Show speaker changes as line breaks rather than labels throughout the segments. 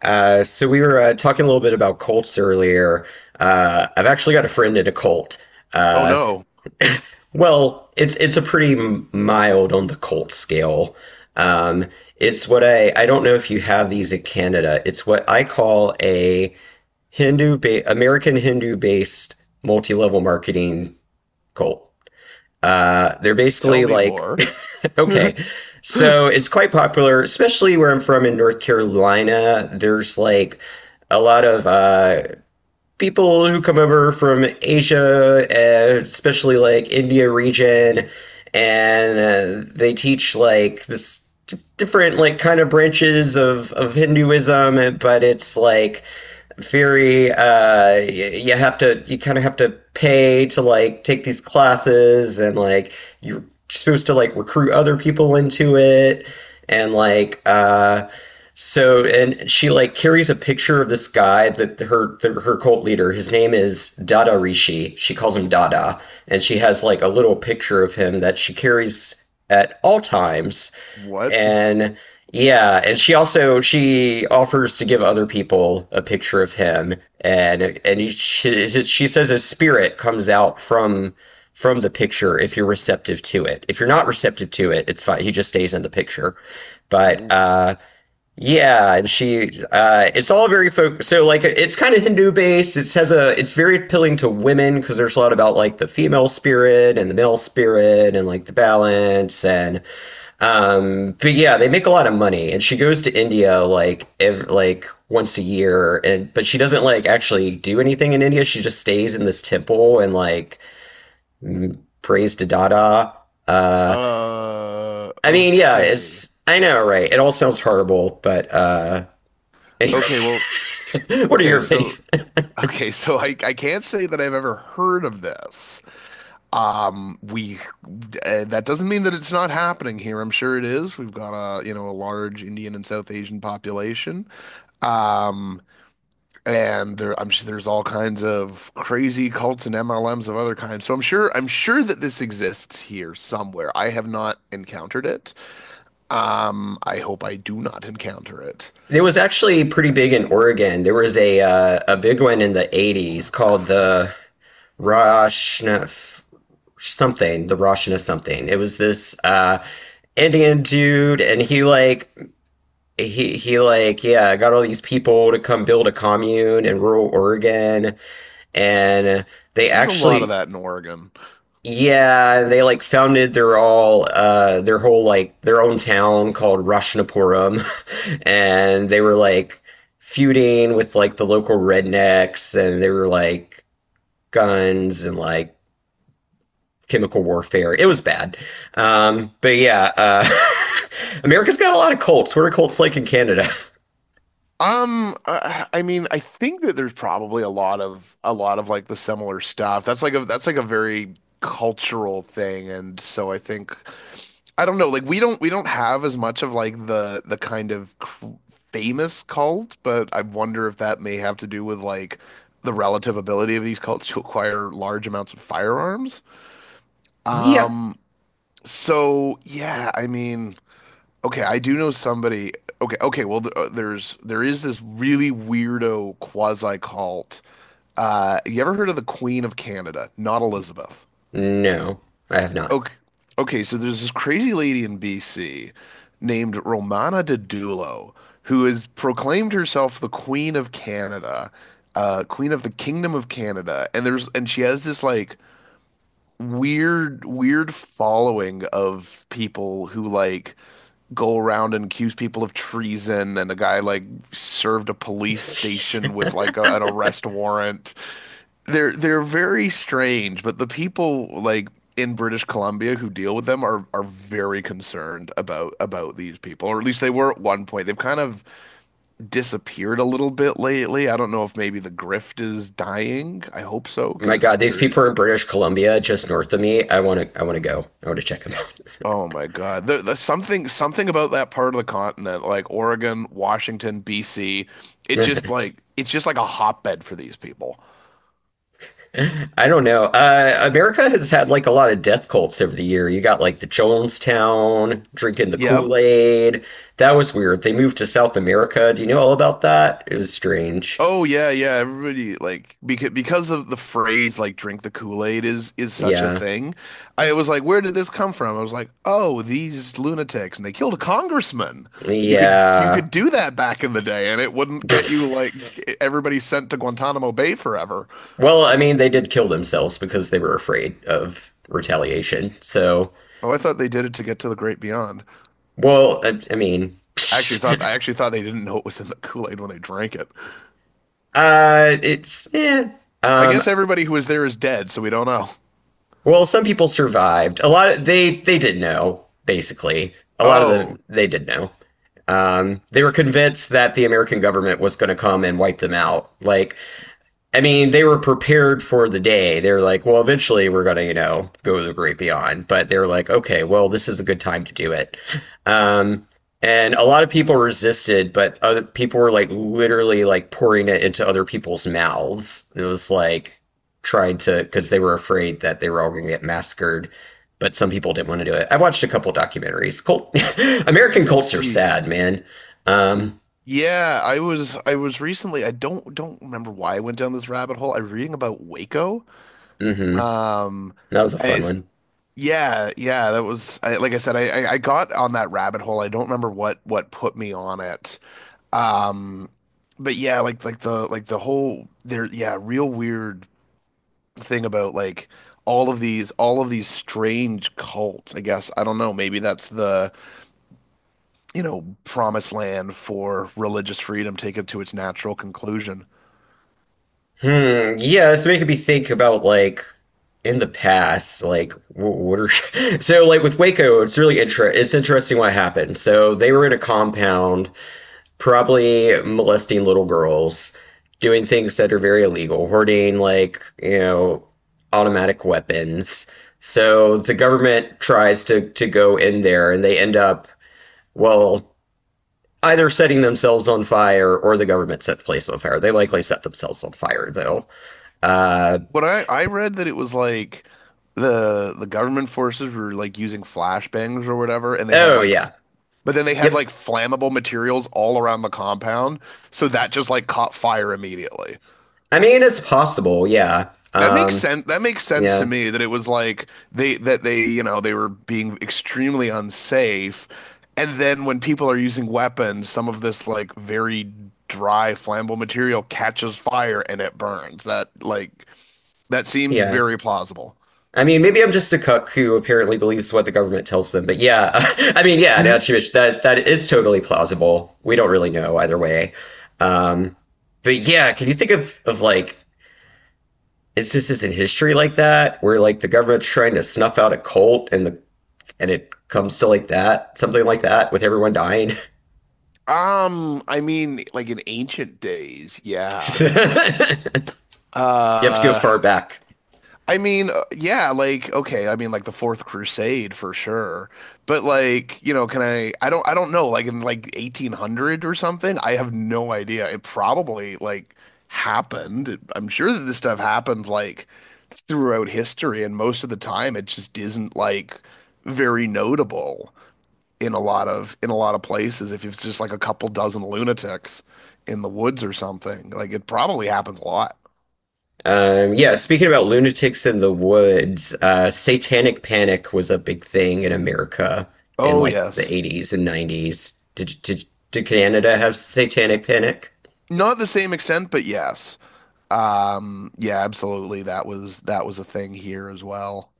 So we were talking a little bit about cults earlier. I've actually got a friend in a cult.
Oh
Uh,
no,
well, it's a pretty mild on the cult scale. Um, it's what I don't know if you have these in Canada. It's what I call a American Hindu based multi level marketing cult. They're
tell
basically
me
like,
more.
okay, so it's quite popular, especially where I'm from in North Carolina. There's like a lot of people who come over from Asia, especially like India region, and they teach like this different like kind of branches of Hinduism, but it's like Fury, you have to, you kind of have to pay to like take these classes, and like you're supposed to like recruit other people into it, and like, and she like carries a picture of this guy that her cult leader, his name is Dada Rishi. She calls him Dada, and she has like a little picture of him that she carries at all times
What?
and yeah, and she also she offers to give other people a picture of him, and she says a spirit comes out from the picture if you're receptive to it. If you're not receptive to it, it's fine. He just stays in the picture. But yeah, and she it's all very so like it's kind of Hindu based. It has a it's very appealing to women because there's a lot about like the female spirit and the male spirit and like the balance and but yeah, they make a lot of money, and she goes to India like once a year, and but she doesn't like actually do anything in India. She just stays in this temple and prays to Dada. Uh, I mean, yeah,
Okay.
it's I know, right? It all sounds horrible, but anyway,
Okay, well,
what are
okay,
your
so
opinions?
okay, so I can't say that I've ever heard of this. We That doesn't mean that it's not happening here. I'm sure it is. We've got a large Indian and South Asian population. Um, and there I'm sure there's all kinds of crazy cults and MLMs of other kinds. So I'm sure that this exists here somewhere. I have not encountered it. I hope I do not encounter it.
It was actually pretty big in Oregon. There was a big one in the 80's
Oh,
called the
Christ.
Roshna something, the Roshna something. It was this Indian dude and he like yeah got all these people to come build a commune in rural Oregon and they
There's a lot of
actually
that in Oregon.
yeah they like founded their all their whole like their own town called Roshnapuram and they were like feuding with like the local rednecks and they were like guns and like chemical warfare. It was bad. But yeah, America's got a lot of cults. What are cults like in Canada?
I mean, I think that there's probably a lot of like the similar stuff. That's like a very cultural thing, and so I think I don't know. Like we don't have as much of like the kind of cr famous cult, but I wonder if that may have to do with like the relative ability of these cults to acquire large amounts of firearms.
yeah.
Um, so yeah, I mean, okay, I do know somebody. Okay, okay, well, there is this really weirdo quasi cult. You ever heard of the Queen of Canada? Not Elizabeth.
No, I have not.
Okay, okay, so there's this crazy lady in BC named Romana Dedulo who has proclaimed herself the Queen of Canada, Queen of the Kingdom of Canada, and she has this like weird, weird following of people who like go around and accuse people of treason, and a guy like served a police station with like an arrest warrant. They're very strange, but the people like in British Columbia who deal with them are very concerned about these people, or at least they were at one point. They've kind of disappeared a little bit lately. I don't know if maybe the grift is dying. I hope so because
My
it's
God, these
very.
people are in British Columbia, just north of me. I want to go. I want to check them
Oh my God, the something something about that part of the continent, like Oregon, Washington, BC, it just
out.
like it's just like a hotbed for these people.
I don't know. America has had like a lot of death cults over the year. You got like the Jonestown drinking the
Yeah.
Kool Aid. That was weird. They moved to South America. Do you know all about that? It was strange.
Oh yeah, yeah. Everybody like because of the phrase like "drink the Kool-Aid" is such a
Yeah.
thing. I was like, where did this come from? I was like, oh, these lunatics, and they killed a congressman. You could you
Yeah.
could do that back in the day, and it wouldn't get you like everybody sent to Guantanamo Bay forever.
well, I mean, they did kill themselves because they were afraid of retaliation. So,
Oh, I thought they did it to get to the great beyond.
well, I mean,
I actually thought they didn't know it was in the Kool-Aid when they drank it.
it's yeah.
I
Um,
guess everybody who was there is dead, so we don't know.
well, some people survived. A lot of they did know. Basically, a lot of them
Oh,
they did know. They were convinced that the American government was going to come and wipe them out. Like I mean, they were prepared for the day. They're like, well, eventually we're gonna, you know, go to the great beyond. But they're like, okay, well, this is a good time to do it. Um, and a lot of people resisted, but other people were like literally like pouring it into other people's mouths. It was like trying to because they were afraid that they were all gonna get massacred. But some people didn't want to do it. I watched a couple documentaries. Cult, American cults are
geez.
sad, man. Um,
Yeah, I was recently, I don't remember why, I went down this rabbit hole. I was reading about Waco.
hmm.
Um
That was a
I,
fun
it's-
one.
yeah, yeah, that was like I said, I got on that rabbit hole. I don't remember what put me on it. Um but yeah, like the whole real weird thing about like all of these strange cults. I guess I don't know, maybe that's the promised land for religious freedom taken to its natural conclusion.
Hmm. Yeah, it's making me think about like in the past, like what are so like with Waco, it's really it's interesting what happened. So they were in a compound, probably molesting little girls, doing things that are very illegal, hoarding like you know automatic weapons. So the government tries to go in there, and they end up well either setting themselves on fire or the government set the place on fire. They likely set themselves on fire though. Uh,
What I read that it was like the government forces were like using flashbangs or whatever, and they had
Oh
like,
yeah.
but then they had like
Yep.
flammable materials all around the compound, so that just like caught fire immediately.
I mean, it's possible, yeah.
That makes sense. That makes sense to
Yeah,
me that it was like they that they they were being extremely unsafe, and then when people are using weapons, some of this like very dry flammable material catches fire and it burns. That like that seems
yeah.
very plausible.
I mean, maybe I'm just a cuck who apparently believes what the government tells them, but yeah. I mean, yeah, now Chimich, that is totally plausible. We don't really know either way. Um, but yeah, can you think of like instances in history like that where like the government's trying to snuff out a cult and the and it comes to like that, something like that with everyone dying?
I mean, like in ancient days, yeah.
You have to go
Uh,
far back.
I mean, yeah, like okay, I mean, like the Fourth Crusade for sure. But like, can I? I don't know. Like in like 1800 or something. I have no idea. It probably like happened. I'm sure that this stuff happened like throughout history, and most of the time, it just isn't like very notable in a lot of places if it's just like a couple dozen lunatics in the woods or something. Like it probably happens a lot.
Yeah, speaking about lunatics in the woods, satanic panic was a big thing in America in
Oh
like the
yes.
80's and 90's. Did Canada have satanic panic
Not the same extent, but yes. Yeah, absolutely. That was a thing here as well.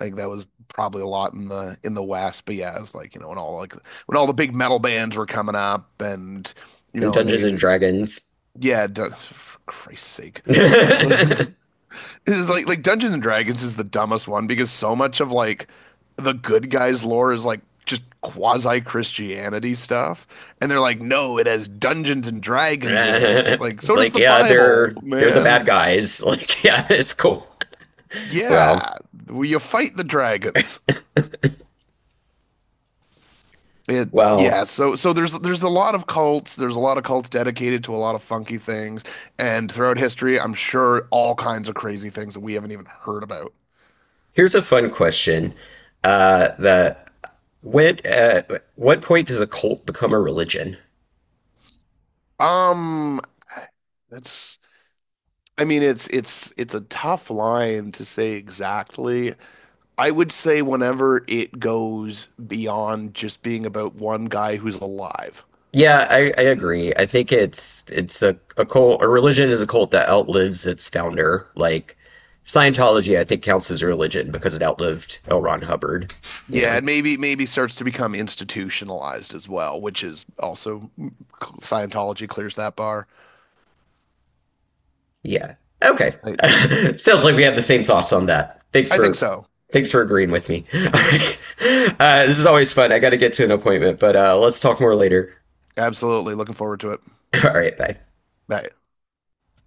I think that was probably a lot in the West, but yeah, it was like, when all the big metal bands were coming up and
in
and
Dungeons
they
and
they
Dragons?
yeah, for Christ's sake. Like, like, Dungeons and Dragons is the dumbest one because so much of like the good guys lore is like just quasi Christianity stuff, and they're like, no, it has Dungeons and Dragons in it. It's like
It's
so does
like,
the
yeah,
Bible,
they're the
man.
bad guys. Like, yeah, it's cool. Well,
Yeah, well, you fight the dragons. It
well,
yeah. So there's a lot of cults. There's a lot of cults dedicated to a lot of funky things, and throughout history, I'm sure all kinds of crazy things that we haven't even heard about.
here's a fun question. The when what point does a cult become a religion?
Um, that's I mean, it's a tough line to say exactly. I would say whenever it goes beyond just being about one guy who's alive.
Yeah, I agree. I think a cult, a religion is a cult that outlives its founder. Like Scientology, I think counts as a religion because it outlived L. Ron Hubbard, you
Yeah,
know.
and maybe starts to become institutionalized as well, which is also Scientology clears that bar.
Yeah. Okay.
I,
Sounds like we have the same thoughts on that.
I think so.
Thanks for agreeing with me. All right. This is always fun. I got to get to an appointment, but let's talk more later.
Absolutely, looking forward to it.
All right, bye.
I,